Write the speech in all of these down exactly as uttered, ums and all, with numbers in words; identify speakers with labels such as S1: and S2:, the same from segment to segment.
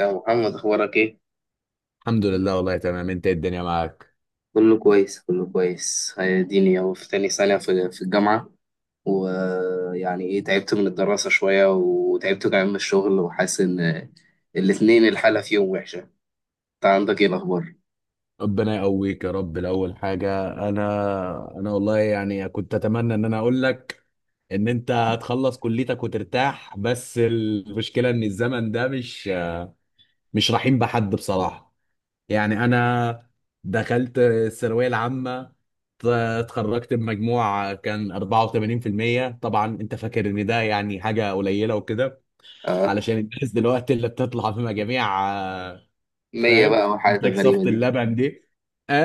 S1: يا محمد، اخبارك ايه؟
S2: الحمد لله والله تمام، انت ايه الدنيا معاك؟
S1: كله كويس، كله كويس. اديني اهو في تاني سنة في في الجامعة. ويعني ايه، تعبت من الدراسة شوية وتعبت كمان من الشغل، وحاسس ان الاتنين الحالة فيهم وحشة. انت عندك ايه الاخبار؟
S2: ربنا يقويك يا رب. الاول حاجه، انا انا والله يعني كنت اتمنى ان انا اقول لك ان انت هتخلص كليتك وترتاح، بس المشكله ان الزمن ده مش مش رحيم بحد بصراحه. يعني انا دخلت الثانويه العامه، ت- اتخرجت بمجموع كان اربعه وتمانين في الميه. طبعا انت فاكر ان ده يعني حاجه قليله وكده،
S1: اه.
S2: علشان الناس دلوقتي اللي بتطلع بمجاميع،
S1: مية
S2: فاهم،
S1: بقى، والحالات
S2: انتاج صفة
S1: الغريبة دي.
S2: اللبن دي.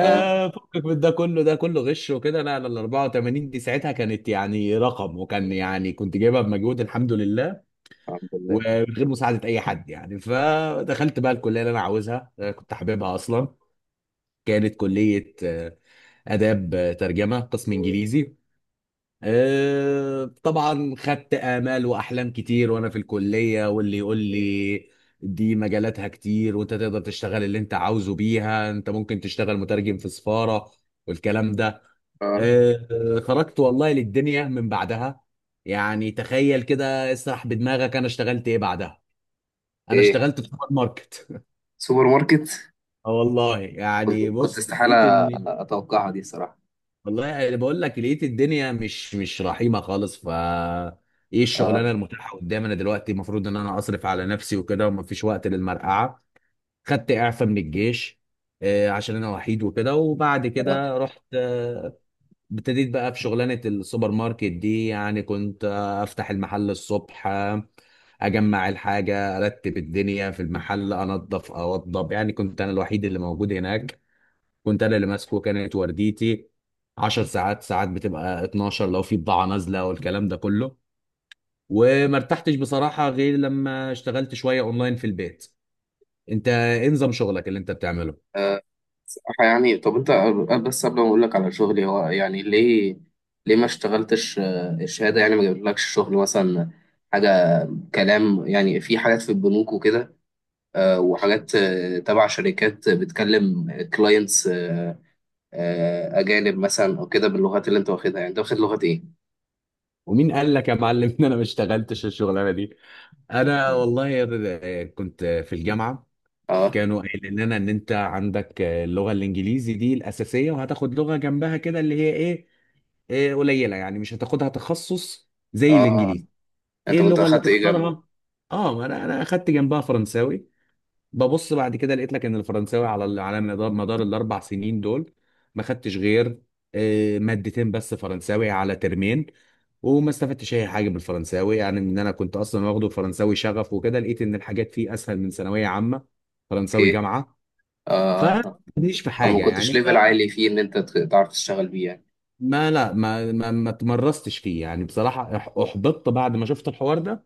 S1: اه.
S2: فكك من ده كله، ده كله غش وكده. لا لا، ال اربعه وتمانين دي ساعتها كانت يعني رقم، وكان يعني كنت جايبها بمجهود الحمد لله،
S1: الحمد لله.
S2: ومن غير مساعدة أي حد يعني. فدخلت بقى الكلية اللي أنا عاوزها، آه، كنت حاببها أصلا. كانت كلية آه، آداب، آه، ترجمة قسم إنجليزي. آه، طبعا خدت آمال وأحلام كتير وأنا في الكلية، واللي يقول لي دي مجالاتها كتير، وأنت تقدر تشتغل اللي أنت عاوزه بيها، أنت ممكن تشتغل مترجم في سفارة والكلام ده. مم.
S1: اه.
S2: آه، آه، خرجت والله للدنيا من بعدها. يعني تخيل كده، اسرح بدماغك أنا اشتغلت إيه بعدها. أنا
S1: ايه،
S2: اشتغلت في سوبر ماركت
S1: سوبر ماركت؟
S2: آه والله
S1: كنت
S2: يعني،
S1: كنت
S2: بص
S1: استحالة
S2: لقيت إن...
S1: اتوقعها دي، صراحة.
S2: والله انا بقول لك لقيت الدنيا مش مش رحيمه خالص. ف ايه الشغلانه
S1: اه.
S2: المتاحه قدامي انا دلوقتي؟ المفروض ان انا اصرف على نفسي وكده، ومفيش وقت للمرقعه. خدت اعفاء من الجيش آه، عشان انا وحيد وكده. وبعد
S1: أه.
S2: كده رحت آه، ابتديت بقى في شغلانه السوبر ماركت دي. يعني كنت آه، افتح المحل الصبح، آه، اجمع الحاجه، ارتب الدنيا في المحل، انظف اوضب. يعني كنت انا الوحيد اللي موجود هناك، كنت انا اللي ماسكه. كانت ورديتي عشر ساعات، ساعات بتبقى اتناشر لو في بضاعه نازله والكلام ده كله. وما ارتحتش بصراحه غير لما اشتغلت شويه اونلاين في البيت. انت ايه نظام شغلك اللي انت بتعمله؟
S1: صراحة يعني، طب انت، بس قبل ما اقول لك على شغلي، هو يعني ليه ليه ما اشتغلتش؟ آه، الشهادة يعني ما جابلكش شغل، مثلا، حاجة، كلام؟ يعني في حاجات في البنوك وكده، آه، وحاجات آه، تبع شركات بتكلم كلاينتس اجانب مثلا، او كده، باللغات اللي انت واخدها. يعني انت واخد لغة ايه؟
S2: ومين قال لك يا معلم ان انا ما اشتغلتش الشغلانه دي؟ انا والله كنت في الجامعه
S1: اه،
S2: كانوا قايلين لنا ان انت عندك آه، اللغه الانجليزي دي الاساسيه، وهتاخد لغه جنبها كده اللي هي ايه، إيه قليله، يعني مش هتاخدها تخصص زي
S1: اه.
S2: الانجليزي. ايه
S1: انت كنت
S2: اللغه اللي
S1: اخدت ايه جنبه؟
S2: تختارها. اه ما انا انا اخدت جنبها فرنساوي. ببص بعد كده لقيت لك ان الفرنساوي على ال- على مدار مدار الاربع سنين دول ما خدتش غير آه، مادتين بس فرنساوي على ترمين. وما استفدتش اي حاجه من الفرنساوي. يعني ان انا كنت اصلا واخده فرنساوي شغف وكده. لقيت ان الحاجات فيه اسهل من ثانويه عامه، فرنساوي
S1: اوكي.
S2: جامعه.
S1: اه. آه.
S2: فمش في حاجه
S1: فما كنتش
S2: يعني
S1: ليفل
S2: فما...
S1: عالي فيه ان انت ت- تعرف تشتغل بيه يعني.
S2: لا ما ما, ما تمرستش فيه يعني بصراحه. أح- احبطت بعد ما شفت الحوار ده،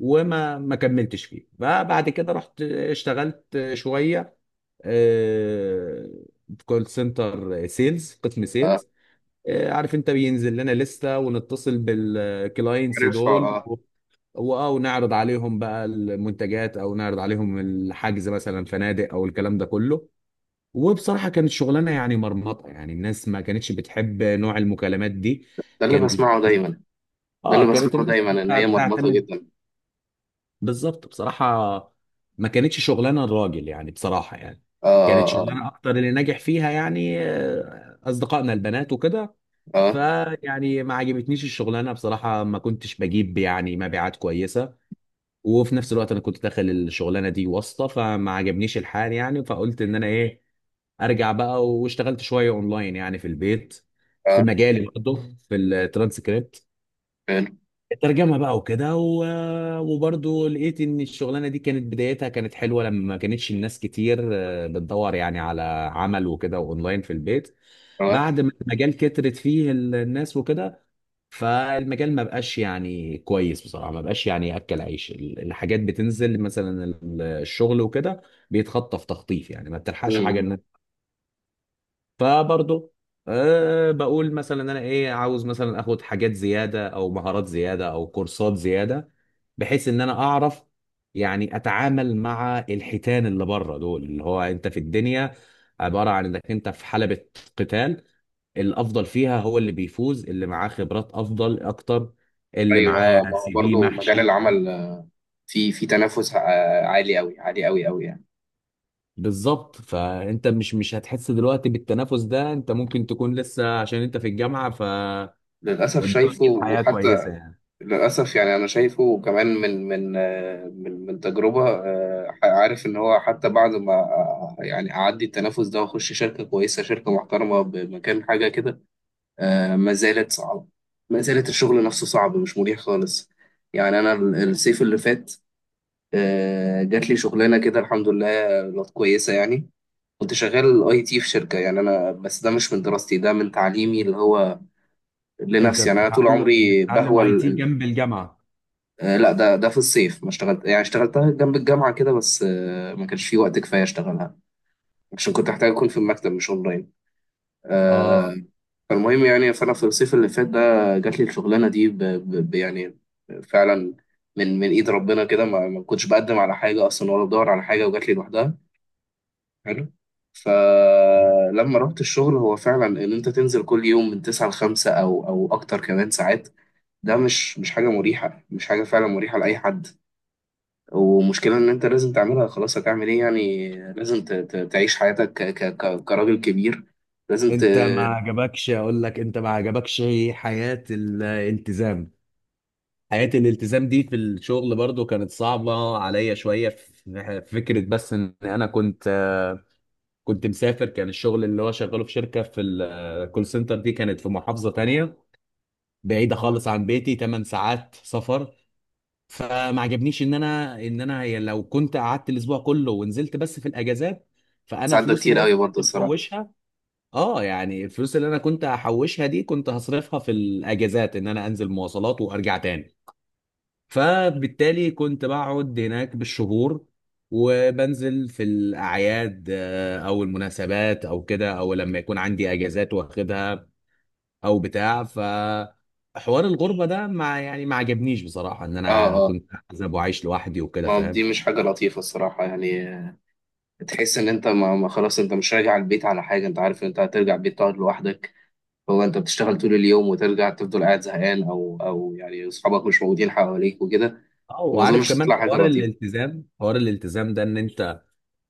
S2: وما ما كملتش فيه. فبعد كده رحت اشتغلت شويه آه، في كول سنتر سيلز قسم سيلز. آه، عارف انت بينزل لنا لسته ونتصل بالكلاينتس
S1: عارف، اه.
S2: دول
S1: آه.
S2: و- واه ونعرض عليهم بقى المنتجات او نعرض عليهم الحجز مثلا فنادق او الكلام ده كله. وبصراحه كانت شغلانه يعني مرمطه. يعني الناس ما كانتش بتحب نوع المكالمات دي.
S1: ده اللي
S2: كان
S1: بسمعه دايما. ده
S2: اه
S1: اللي
S2: كانت
S1: بسمعه
S2: الناس
S1: دايما، ان
S2: بتع-
S1: هي مرمطه
S2: بتعتمد.
S1: جدا.
S2: بالظبط بصراحة، ما كانتش شغلانة الراجل يعني بصراحة يعني.
S1: اه،
S2: كانت
S1: اه،
S2: شغلانة أكتر اللي ناجح فيها يعني آه، أصدقائنا البنات وكده.
S1: اه،
S2: فيعني ما عجبتنيش الشغلانة بصراحة، ما كنتش بجيب يعني مبيعات كويسة. وفي نفس الوقت أنا كنت داخل الشغلانة دي واسطة، فما عجبنيش الحال يعني. فقلت إن أنا إيه، أرجع بقى واشتغلت شوية أونلاين يعني في البيت، في
S1: اه.
S2: مجالي برضه في الترانسكريبت
S1: فعلا.
S2: الترجمه بقى وكده و... وبرضه لقيت ان الشغلانه دي كانت بدايتها كانت حلوه لما ما كانتش الناس كتير آه، بتدور يعني على عمل وكده اونلاين في البيت.
S1: اه.
S2: بعد ما المجال كترت فيه ال- الناس وكده، فالمجال ما بقاش يعني كويس بصراحه. ما بقاش يعني ياكل عيش، ال- الحاجات بتنزل مثلا، ال- الشغل وكده بيتخطف تخطيف. يعني ما بتلحقش حاجه.
S1: مم.
S2: فبرضه أه بقول مثلا انا ايه، عاوز مثلا اخد حاجات زياده او مهارات زياده او كورسات زياده، بحيث ان انا اعرف يعني اتعامل مع الحيتان اللي بره دول. اللي هو انت في الدنيا عباره عن انك انت في حلبة قتال، الافضل فيها هو اللي بيفوز، اللي معاه خبرات افضل اكتر، اللي اه
S1: ايوه. آه،
S2: معاه
S1: ما هو
S2: سي في
S1: برضه مجال
S2: محشي.
S1: العمل، آه، في في تنافس آه، عالي قوي، عالي قوي قوي يعني.
S2: بالظبط. فانت مش مش هتحس دلوقتي بالتنافس ده، انت ممكن تكون لسه عشان انت في الجامعه،
S1: للاسف
S2: والدنيا
S1: شايفه،
S2: الحياة كويسة
S1: وحتى
S2: يعني.
S1: للاسف، يعني انا شايفه كمان، من من آه، من من تجربه. آه، عارف ان هو حتى بعد ما آه، يعني اعدي التنافس ده واخش شركه كويسه، شركه محترمه بمكان، حاجه كده، آه، ما زالت صعبه. ما زالت الشغل نفسه صعب، مش مريح خالص. يعني انا ال- الصيف اللي فات آه، جات لي شغلانه كده، الحمد لله. كانت كويسه يعني. كنت شغال اي تي في شركه، يعني انا بس ده مش من دراستي، ده من تعليمي اللي هو
S2: انت
S1: لنفسي. يعني انا طول
S2: بتتعلم
S1: عمري
S2: بتتعلم
S1: بهوى
S2: اي
S1: ال-
S2: تي
S1: ال-
S2: جنب الجامعه؟
S1: آه، لا، ده ده في الصيف ما اشتغلت، يعني اشتغلتها جنب الجامعه كده بس، آه، ما كانش في وقت كفايه اشتغلها، عشان كنت احتاج اكون في المكتب مش اونلاين. آه،
S2: اه،
S1: فالمهم يعني، فانا في الصيف اللي فات ده جات لي الشغلانه دي ب... ب... ب- يعني فعلا، من من ايد ربنا كده. ما... ما كنتش بقدم على حاجه اصلا، ولا بدور على حاجه، وجات لي لوحدها. حلو. فلما رحت الشغل، هو فعلا ان انت تنزل كل يوم من تسعة ل خمسة او او اكتر كمان ساعات. ده مش مش حاجه مريحه، مش حاجه فعلا مريحه لاي حد. ومشكله ان انت لازم تعملها، خلاص هتعمل ايه؟ يعني لازم ت- ت- تعيش حياتك ك ك ك- كراجل كبير. لازم ت-
S2: انت ما عجبكش اقول لك، انت ما عجبكش حياه الالتزام. حياة الالتزام دي في الشغل برضو كانت صعبة عليا شوية في في فكرة. بس ان انا كنت آه، كنت مسافر. كان الشغل اللي هو شغاله في شركة في الكول سنتر دي كانت في محافظة تانية بعيدة اه خالص عن بيتي، تمن ساعات سفر. فما عجبنيش ان انا ان انا هي- لو كنت قعدت الاسبوع كله ونزلت بس في الاجازات، فانا
S1: تساعد. ده
S2: فلوسي
S1: كتير
S2: اللي انا
S1: قوي برضه
S2: كنت
S1: الصراحه.
S2: محوشها... اه يعني الفلوس اللي انا كنت هحوشها دي كنت هصرفها في الاجازات، ان انا انزل مواصلات وارجع تاني. فبالتالي كنت بقعد هناك بالشهور وبنزل في الاعياد آه، او المناسبات او كده، او لما يكون عندي اجازات واخدها او بتاع. ف حوار الغربه ده ما يعني ما عجبنيش بصراحه. ان
S1: اه،
S2: انا
S1: اه.
S2: كنت احزب وعايش لوحدي وكده،
S1: ما
S2: فاهم.
S1: دي مش حاجه لطيفه الصراحه يعني. تحس ان انت ما ما خلاص، انت مش راجع البيت على حاجه، انت عارف ان انت هترجع البيت تقعد لوحدك. هو انت بتشتغل طول اليوم، وترجع تفضل قاعد زهقان، او او يعني اصحابك مش موجودين حواليك وكده،
S2: اه،
S1: وما
S2: وعارف
S1: اظنش
S2: كمان
S1: تطلع حاجه
S2: حوار
S1: لطيفه.
S2: الالتزام، حوار الالتزام ده ان انت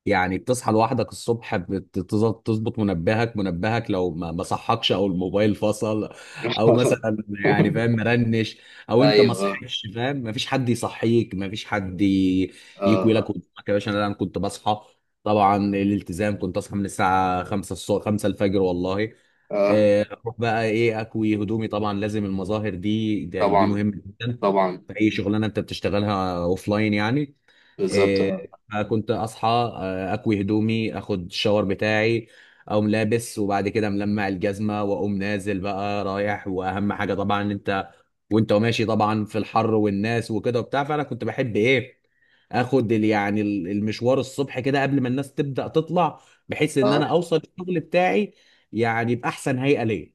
S2: يعني بتصحى لوحدك الصبح، بتظبط تظبط منبهك، منبهك لو ما ما صحكش او الموبايل فصل او مثلا يعني فاهم مرنش، او انت ما
S1: ايوه، اه.
S2: صحيتش فاهم، ما فيش حد يصحيك، ما فيش حد ي- يكوي لك
S1: اه،
S2: قدامك يا باشا. انا أنا كنت بصحى طبعا الالتزام. كنت اصحى من الساعه خمسه الصبح، خمسه الفجر والله.
S1: اه.
S2: آه، اروح بقى ايه، اكوي هدومي، طبعا لازم المظاهر دي دي, يعني دي
S1: طبعا،
S2: مهمه جدا
S1: طبعا.
S2: في اي شغلانه انت بتشتغلها اوف لاين يعني.
S1: بالظبط،
S2: آه،
S1: اه.
S2: فكنت اصحى آه، آه، اكوي هدومي، اخد الشاور بتاعي، اقوم لابس، وبعد كده ملمع الجزمه، واقوم نازل بقى رايح. واهم حاجه طبعا إن انت وانت ماشي طبعا في الحر والناس وكده وبتاع، فانا كنت بحب ايه، اخد ال- يعني ال- المشوار الصبح كده قبل ما الناس تبدا تطلع، بحيث ان
S1: اه،
S2: انا اوصل الشغل بتاعي يعني باحسن هيئه ليا.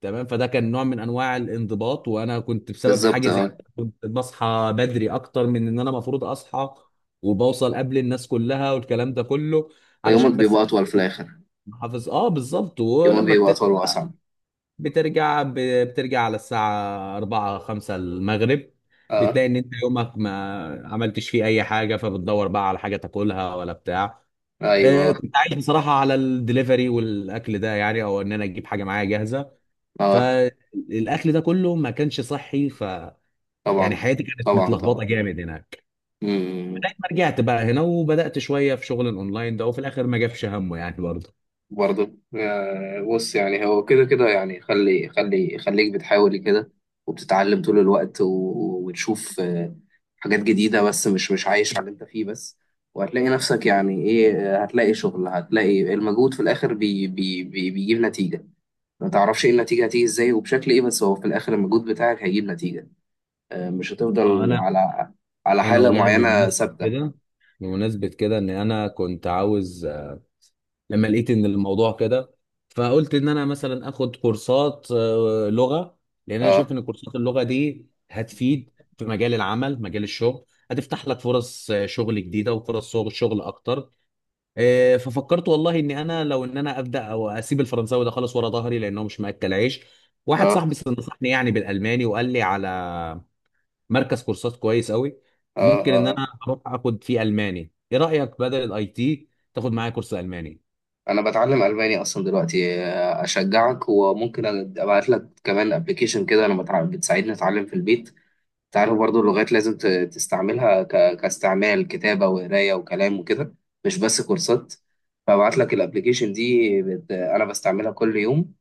S2: تمام، فده كان نوع من انواع الانضباط. وانا كنت بسبب
S1: بالظبط،
S2: حاجه زي
S1: اه.
S2: كده كنت بصحى بدري اكتر من ان انا المفروض اصحى، وبوصل قبل الناس كلها والكلام ده كله،
S1: فيومك
S2: علشان بس
S1: بيبقى اطول في الاخر.
S2: حافظ. اه بالظبط،
S1: يومك
S2: ولما
S1: بيبقى
S2: بترجع
S1: اطول
S2: بقى-
S1: واصعب.
S2: بترجع ب- بترجع على الساعه اربعه خمسه المغرب،
S1: اه.
S2: بتلاقي ان انت يومك ما عملتش فيه اي حاجه، فبتدور بقى على حاجه تاكلها ولا بتاع. آه،
S1: ايوه،
S2: كنت عايش بصراحه على الدليفري والاكل ده يعني، او ان انا اجيب حاجه معايا جاهزه.
S1: اه.
S2: فالاكل ده كله ما كانش صحي، ف يعني
S1: طبعا،
S2: حياتي كانت
S1: طبعا،
S2: متلخبطه جامد هناك.
S1: طبعا.
S2: لغايه ما رجعت بقى هنا وبدات شويه في شغل الاونلاين ده، وفي الاخر ما جابش همه يعني برضه.
S1: برضه. آه، بص يعني، هو كده كده، يعني خلي خلي خليك بتحاول كده وبتتعلم طول الوقت، و- وتشوف آه، حاجات جديدة، بس مش مش عايش على اللي انت فيه بس. وهتلاقي نفسك، يعني ايه، آه، هتلاقي شغل، هتلاقي المجهود في الآخر بي بي بي بيجيب نتيجة. ما تعرفش ايه النتيجة، هتيجي ازاي وبشكل ايه، بس هو في الآخر المجهود بتاعك هيجيب نتيجة. آه، مش
S2: اه،
S1: هتفضل
S2: انا
S1: على على
S2: انا
S1: حالة
S2: والله
S1: معينة
S2: بمناسبه
S1: ثابتة.
S2: كده، بمناسبه كده ان انا كنت عاوز لما لقيت ان الموضوع كده، فقلت ان انا مثلا اخد كورسات آه، لغه. لان انا
S1: اه،
S2: شايف ان كورسات اللغه دي هتفيد في مجال العمل مجال الشغل، هتفتح لك فرص آه، شغل جديده، وفرص شغل شغل اكتر. آه، ففكرت والله ان انا لو ان انا ابدا او اسيب الفرنساوي ده خالص ورا ظهري لانه مش مأكل عيش. واحد
S1: اه،
S2: صاحبي نصحني يعني بالالماني، وقال لي على مركز كورسات كويس قوي.
S1: اه،
S2: ممكن ان
S1: اه.
S2: انا اروح اخد فيه الماني، ايه رايك بدل الاي تي، تاخد معايا كورس الماني؟
S1: انا بتعلم الماني اصلا دلوقتي. آه، اشجعك، وممكن ابعت لك كمان ابلكيشن كده. انا بتع... بتساعدني اتعلم في البيت. تعرف برضو، اللغات لازم ت- تستعملها ك... كاستعمال، كتابة وقراية وكلام وكده، مش بس كورسات. فابعت لك الابلكيشن دي. بت... انا بستعملها كل يوم،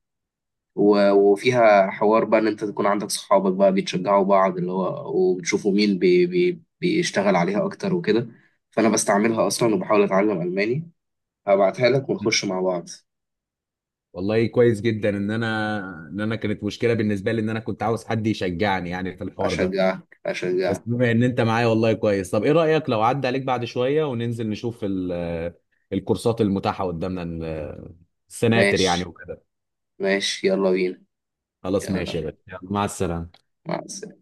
S1: و... وفيها حوار بقى ان انت تكون عندك صحابك بقى بيتشجعوا بعض، اللي هو، وبتشوفوا مين بي... بي... بيشتغل عليها اكتر وكده. فانا بستعملها اصلا وبحاول اتعلم الماني، هبعتها لك
S2: م.
S1: ونخش مع بعض.
S2: والله كويس جدا ان انا، ان انا كانت مشكله بالنسبه لي ان انا كنت عاوز حد يشجعني يعني في الحوار ده.
S1: أشجعك،
S2: بس
S1: أشجعك.
S2: بما ان انت معايا والله كويس. طب ايه رأيك لو عدى عليك بعد شوية وننزل نشوف ال- الكورسات المتاحة قدامنا، ال- السناتر يعني
S1: ماشي.
S2: وكده.
S1: ماشي، يلا بينا.
S2: خلاص
S1: يلا
S2: ماشي يا
S1: بينا،
S2: غالي، يلا، مع السلامة.
S1: مع السلامة.